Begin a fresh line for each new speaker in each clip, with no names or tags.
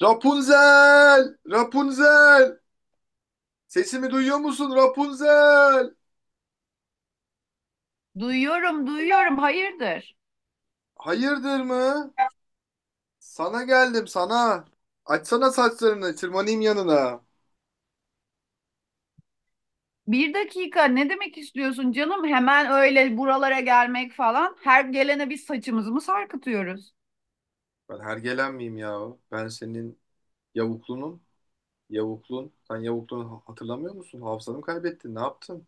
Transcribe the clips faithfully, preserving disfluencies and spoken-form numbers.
Rapunzel! Rapunzel! Sesimi duyuyor musun Rapunzel?
Duyuyorum, duyuyorum. Hayırdır?
Hayırdır mı? Sana geldim sana. Açsana saçlarını, tırmanayım yanına.
Bir dakika ne demek istiyorsun canım? Hemen öyle buralara gelmek falan. Her gelene biz saçımızı mı sarkıtıyoruz?
Ben hergelen miyim ya? Ben senin yavuklunum. Yavuklun. Sen yavuklunu hatırlamıyor musun? Hafızanı mı kaybettin? Ne yaptın?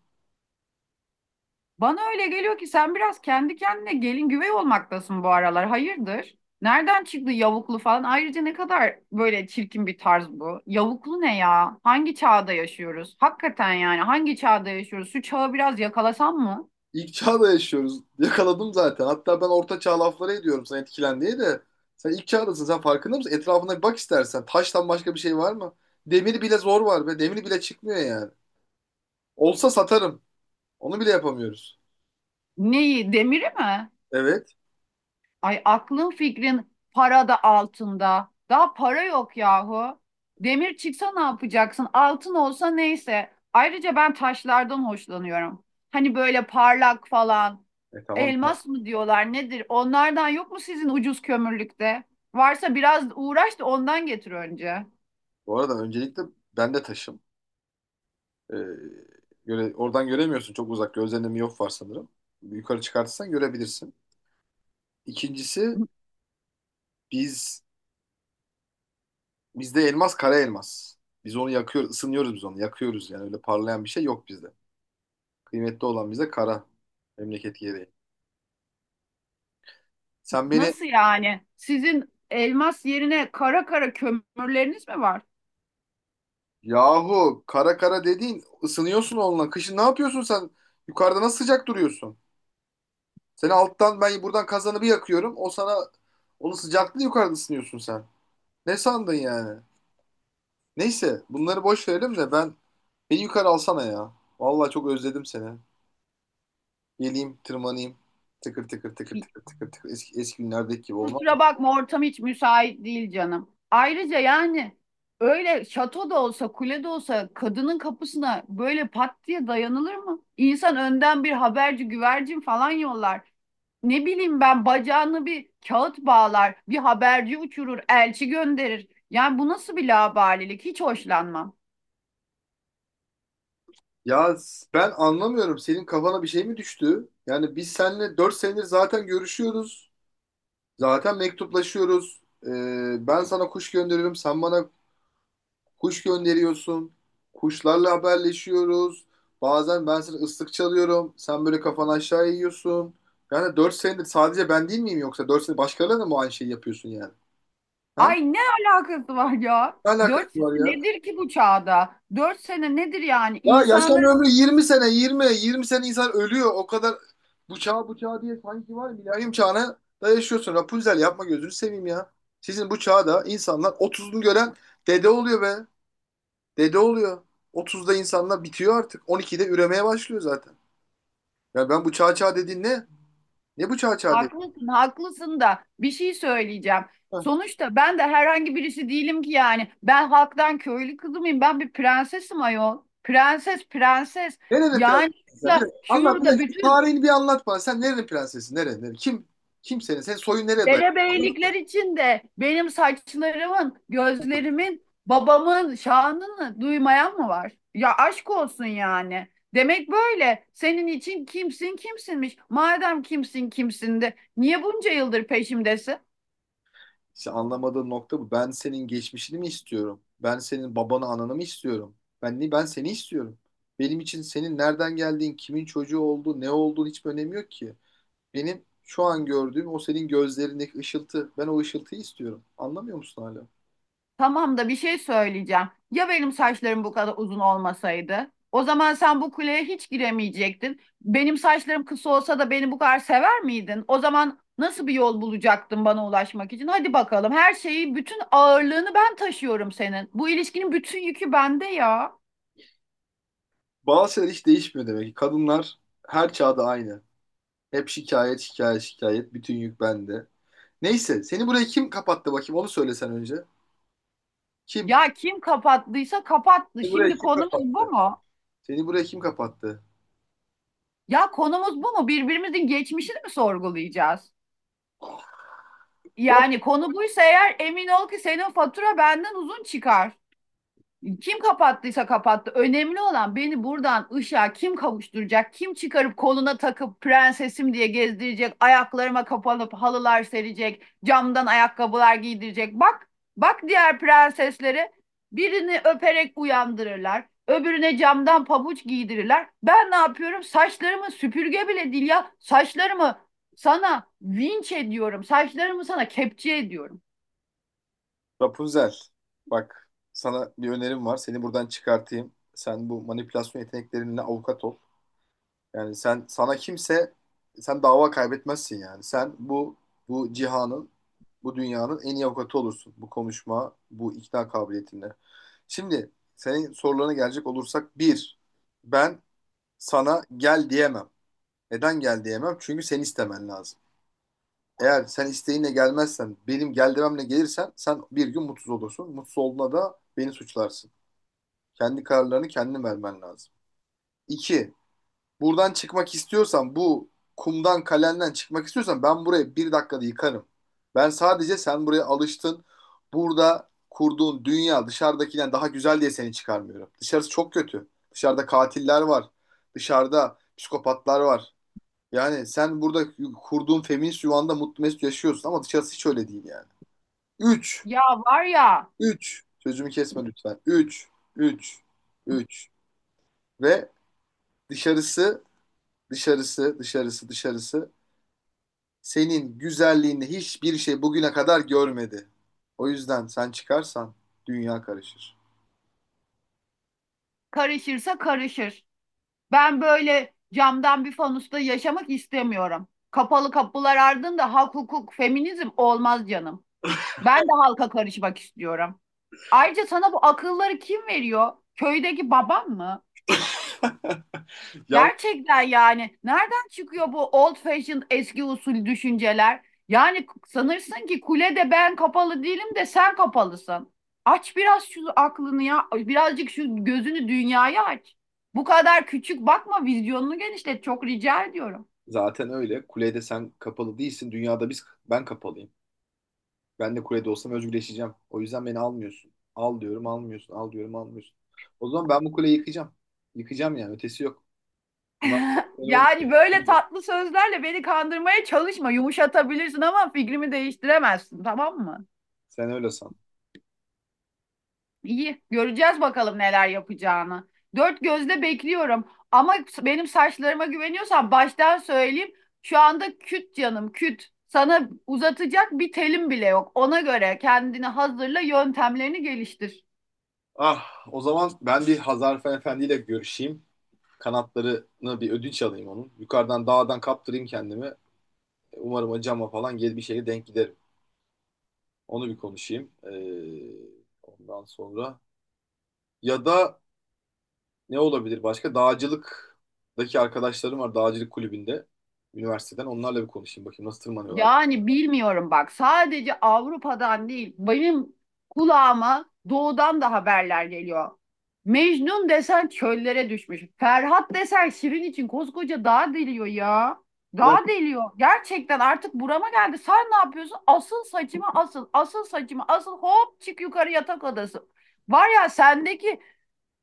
Bana öyle geliyor ki sen biraz kendi kendine gelin güvey olmaktasın bu aralar. Hayırdır? Nereden çıktı yavuklu falan? Ayrıca ne kadar böyle çirkin bir tarz bu. Yavuklu ne ya? Hangi çağda yaşıyoruz? Hakikaten yani hangi çağda yaşıyoruz? Şu çağı biraz yakalasan mı?
İlk çağda yaşıyoruz. Yakaladım zaten. Hatta ben orta çağ lafları ediyorum sana etkilen diye de. Sen ilk çağdasın. Sen farkında mısın? Etrafına bir bak istersen. Taştan başka bir şey var mı? Demir bile zor var be. Demir bile çıkmıyor yani. Olsa satarım. Onu bile yapamıyoruz.
Neyi? Demiri mi?
Evet.
Ay aklın fikrin para da altında. Daha para yok yahu. Demir çıksa ne yapacaksın? Altın olsa neyse. Ayrıca ben taşlardan hoşlanıyorum. Hani böyle parlak falan.
E tamam.
Elmas mı diyorlar nedir? Onlardan yok mu sizin ucuz kömürlükte? Varsa biraz uğraş da ondan getir önce.
Bu arada öncelikle ben de taşım. Ee, göre, oradan göremiyorsun çok uzak. Gözlerinde miyop var sanırım. Yukarı çıkartırsan görebilirsin. İkincisi biz bizde elmas kara elmas. Biz onu yakıyoruz, ısınıyoruz biz onu. Yakıyoruz yani öyle parlayan bir şey yok bizde. Kıymetli olan bize kara. Memleket gereği. Sen beni
Nasıl yani? Sizin elmas yerine kara kara kömürleriniz mi var?
yahu, kara kara dediğin ısınıyorsun onunla. Kışın ne yapıyorsun sen? Yukarıda nasıl sıcak duruyorsun? Seni alttan ben buradan kazanı bir yakıyorum. O sana onun sıcaklığı yukarıda ısınıyorsun sen. Ne sandın yani? Neyse bunları boş verelim de ben beni yukarı alsana ya. Vallahi çok özledim seni. Geleyim tırmanayım. Tıkır tıkır tıkır tıkır tıkır tıkır eski, eski günlerdeki gibi olmaz mı?
Kusura bakma ortam hiç müsait değil canım. Ayrıca yani öyle şato da olsa kule de olsa kadının kapısına böyle pat diye dayanılır mı? İnsan önden bir haberci güvercin falan yollar. Ne bileyim ben bacağını bir kağıt bağlar, bir haberci uçurur, elçi gönderir. Yani bu nasıl bir laubalilik? Hiç hoşlanmam.
Ya s- ben anlamıyorum, senin kafana bir şey mi düştü? Yani biz seninle dört senedir zaten görüşüyoruz. Zaten mektuplaşıyoruz. Ee, ben sana kuş gönderiyorum. Sen bana Kuş gönderiyorsun. Kuşlarla haberleşiyoruz. Bazen ben sana ıslık çalıyorum. Sen böyle kafanı aşağı yiyorsun. Yani dört senedir sadece ben değil miyim yoksa? Dört senedir başkalarına da mı aynı şeyi yapıyorsun yani? Ha?
Ay ne alakası var ya?
Ne alakası
Dört sene
var ya?
nedir ki bu çağda? Dört sene nedir yani?
Ya yaşam
İnsanların.
ömrü yirmi sene, yirmi yirmi sene insan ölüyor. O kadar. Bu çağ bu çağ diye sanki var. Milenyum çağına da yaşıyorsun. Rapunzel yapma, gözünü seveyim ya. Sizin bu çağda insanlar otuzunu gören dede oluyor be. Dede oluyor. Otuzda insanlar bitiyor artık. on ikide üremeye başlıyor zaten. Ya ben, bu çağ çağ dediğin ne? Ne bu çağ çağ dediğin?
Haklısın, haklısın da bir şey söyleyeceğim.
Ha.
Sonuçta ben de herhangi birisi değilim ki yani. Ben halktan köylü kızı mıyım? Ben bir prensesim ayol. Prenses, prenses.
Nerenin
Yani
prensesi sen? Bir
ya
dakika, anlat bir
şurada
dakika. Şu
bütün
tarihini bir anlat bana. Sen nerenin prensesi? Nere, nere? Kim? Kim senin? Senin soyun nereye dayanıyor?
derebeylikler içinde benim saçlarımın, gözlerimin, babamın şanını duymayan mı var? Ya aşk olsun yani. Demek böyle. Senin için kimsin kimsinmiş. Madem kimsin kimsin de niye bunca yıldır peşimdesin?
İşte anlamadığın nokta bu. Ben senin geçmişini mi istiyorum? Ben senin babanı ananı mı istiyorum? Ben ni ben seni istiyorum. Benim için senin nereden geldiğin, kimin çocuğu olduğu, ne olduğun hiç önemi yok ki. Benim şu an gördüğüm o senin gözlerindeki ışıltı. Ben o ışıltıyı istiyorum. Anlamıyor musun hala?
Tamam da bir şey söyleyeceğim. Ya benim saçlarım bu kadar uzun olmasaydı? O zaman sen bu kuleye hiç giremeyecektin. Benim saçlarım kısa olsa da beni bu kadar sever miydin? O zaman nasıl bir yol bulacaktın bana ulaşmak için? Hadi bakalım. Her şeyi, bütün ağırlığını ben taşıyorum senin. Bu ilişkinin bütün yükü bende ya.
Bazı şeyler hiç değişmiyor demek ki. Kadınlar her çağda aynı. Hep şikayet, şikayet, şikayet. Bütün yük bende. Neyse, seni buraya kim kapattı bakayım? Onu söylesen önce. Kim?
Ya kim kapattıysa kapattı.
Seni buraya
Şimdi
kim
konumuz
kapattı?
bu mu?
Seni buraya kim kapattı?
Ya konumuz bu mu? Birbirimizin geçmişini mi sorgulayacağız? Yani konu buysa eğer emin ol ki senin fatura benden uzun çıkar. Kim kapattıysa kapattı. Önemli olan beni buradan ışığa kim kavuşturacak, kim çıkarıp koluna takıp prensesim diye gezdirecek, ayaklarıma kapanıp halılar serecek, camdan ayakkabılar giydirecek. Bak, bak diğer prensesleri birini öperek uyandırırlar, öbürüne camdan pabuç giydirirler. Ben ne yapıyorum? Saçlarımı süpürge bile değil ya, saçlarımı sana vinç ediyorum, saçlarımı sana kepçe ediyorum.
Rapunzel. Bak, sana bir önerim var. Seni buradan çıkartayım. Sen bu manipülasyon yeteneklerinle avukat ol. Yani sen sana kimse sen dava kaybetmezsin yani. Sen bu bu cihanın, bu dünyanın en iyi avukatı olursun. Bu konuşma, bu ikna kabiliyetinle. Şimdi senin sorularına gelecek olursak bir, ben sana gel diyemem. Neden gel diyemem? Çünkü sen istemen lazım. Eğer sen isteğinle gelmezsen, benim gel dememle gelirsen sen bir gün mutsuz olursun. Mutsuz olduğuna da beni suçlarsın. Kendi kararlarını kendin vermen lazım. İki, buradan çıkmak istiyorsan, bu kumdan kalenden çıkmak istiyorsan ben burayı bir dakikada yıkarım. Ben sadece, sen buraya alıştın. Burada kurduğun dünya dışarıdakinden daha güzel diye seni çıkarmıyorum. Dışarısı çok kötü. Dışarıda katiller var. Dışarıda psikopatlar var. Yani sen burada kurduğun feminist yuvanda mutlu mesut yaşıyorsun ama dışarısı hiç öyle değil yani. Üç,
Ya var ya,
üç. Sözümü kesme lütfen. Üç, üç, üç. Ve dışarısı, dışarısı, dışarısı, dışarısı senin güzelliğini hiçbir şey bugüne kadar görmedi. O yüzden sen çıkarsan dünya karışır.
karışırsa karışır. Ben böyle camdan bir fanusta yaşamak istemiyorum. Kapalı kapılar ardında hak, hukuk, feminizm olmaz canım. Ben de halka karışmak istiyorum. Ayrıca sana bu akılları kim veriyor? Köydeki babam mı?
Yalnız
Gerçekten yani nereden çıkıyor bu old fashioned eski usul düşünceler? Yani sanırsın ki kulede ben kapalı değilim de sen kapalısın. Aç biraz şu aklını ya. Birazcık şu gözünü dünyaya aç. Bu kadar küçük bakma vizyonunu genişlet çok rica ediyorum.
zaten öyle. Kulede sen kapalı değilsin. Dünyada biz ben kapalıyım. Ben de kulede olsam özgürleşeceğim. O yüzden beni almıyorsun. Al diyorum almıyorsun. Al diyorum almıyorsun. O zaman ben bu kuleyi yıkacağım. Yıkacağım yani. Ötesi yok. Bunlar kolay olmadı.
Yani böyle tatlı sözlerle beni kandırmaya çalışma. Yumuşatabilirsin ama fikrimi değiştiremezsin tamam mı?
Sen öyle san.
İyi, göreceğiz bakalım neler yapacağını. Dört gözle bekliyorum. Ama benim saçlarıma güveniyorsan baştan söyleyeyim. Şu anda küt canım, küt. Sana uzatacak bir telim bile yok. Ona göre kendini hazırla, yöntemlerini geliştir.
Ah, o zaman ben bir Hazar Efendi ile görüşeyim. Kanatlarını bir ödünç alayım onun. Yukarıdan dağdan kaptırayım kendimi. Umarım o cama falan gel bir şeye denk giderim. Onu bir konuşayım. Ee, ondan sonra ya da ne olabilir başka? Dağcılıktaki arkadaşlarım var, dağcılık kulübünde üniversiteden. Onlarla bir konuşayım bakayım nasıl tırmanıyorlar.
Yani bilmiyorum bak sadece Avrupa'dan değil benim kulağıma doğudan da haberler geliyor. Mecnun desen çöllere düşmüş. Ferhat desen Şirin için koskoca dağ deliyor ya.
Bir dakika,
Dağ deliyor. Gerçekten artık burama geldi. Sen ne yapıyorsun? Asıl saçımı asıl, asıl saçımı asıl hop çık yukarı yatak odası. Var ya sendeki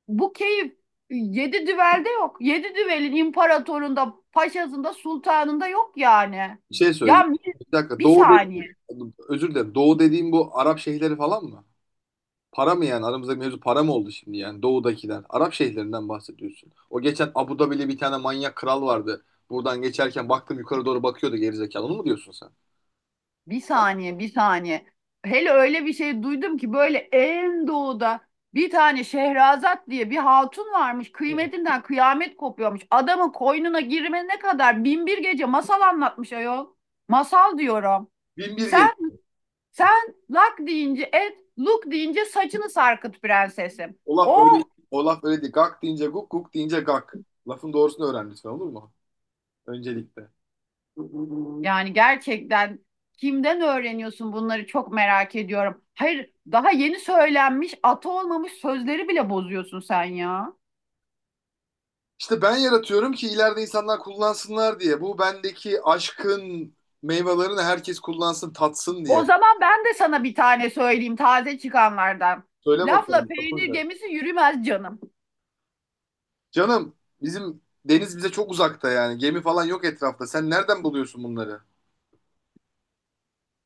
bu keyif yedi düvelde yok. Yedi düvelin imparatorunda, paşasında, sultanında yok yani.
bir şey
Ya
söyleyeceğim.
mi-
Bir dakika,
bir
doğu
saniye,
dediğim, özür dilerim. Doğu dediğim bu Arap şehirleri falan mı? Para mı yani? Aramızdaki mevzu para mı oldu şimdi yani, Doğu'dakiler? Arap şehirlerinden bahsediyorsun. O geçen Abu Dhabi'li bir tane manyak kral vardı. Buradan geçerken baktım yukarı doğru bakıyordu gerizekalı. Onu mu diyorsun sen?
bir saniye, bir saniye. Hele öyle bir şey duydum ki böyle en doğuda bir tane Şehrazat diye bir hatun varmış. Kıymetinden kıyamet kopuyormuş. Adamın koynuna girmene kadar bin bir gece masal anlatmış ayol. Masal diyorum.
Bin bir gel.
Sen sen lak deyince et, luk deyince saçını sarkıt prensesim.
O laf öyle,
Oh.
o laf öyle değil. Gak deyince guk, guk deyince gak. Lafın doğrusunu öğren lütfen, olur mu? Öncelikle.
Yani gerçekten kimden öğreniyorsun bunları çok merak ediyorum. Hayır, daha yeni söylenmiş, atı olmamış sözleri bile bozuyorsun sen ya.
İşte ben yaratıyorum ki ileride insanlar kullansınlar diye. Bu bendeki aşkın meyvelerini herkes kullansın, tatsın
O
diye.
zaman ben de sana bir tane söyleyeyim taze çıkanlardan.
Söyle
Lafla
bakalım
peynir
Tapunca.
gemisi yürümez canım.
Canım bizim deniz bize çok uzakta yani. Gemi falan yok etrafta. Sen nereden buluyorsun bunları?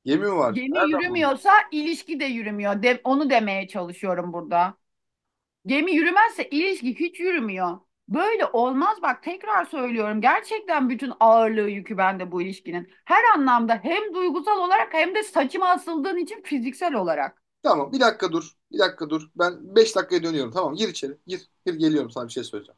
Gemi mi var?
Gemi
Nereden buluyorsun?
yürümüyorsa ilişki de yürümüyor. De- onu demeye çalışıyorum burada. Gemi yürümezse ilişki hiç yürümüyor. Böyle olmaz bak tekrar söylüyorum. Gerçekten bütün ağırlığı yükü bende bu ilişkinin. Her anlamda hem duygusal olarak hem de saçıma asıldığın için fiziksel olarak.
Tamam bir dakika dur. Bir dakika dur. Ben beş dakikaya dönüyorum. Tamam, gir içeri. Gir. Gir, geliyorum, sana bir şey söyleyeceğim.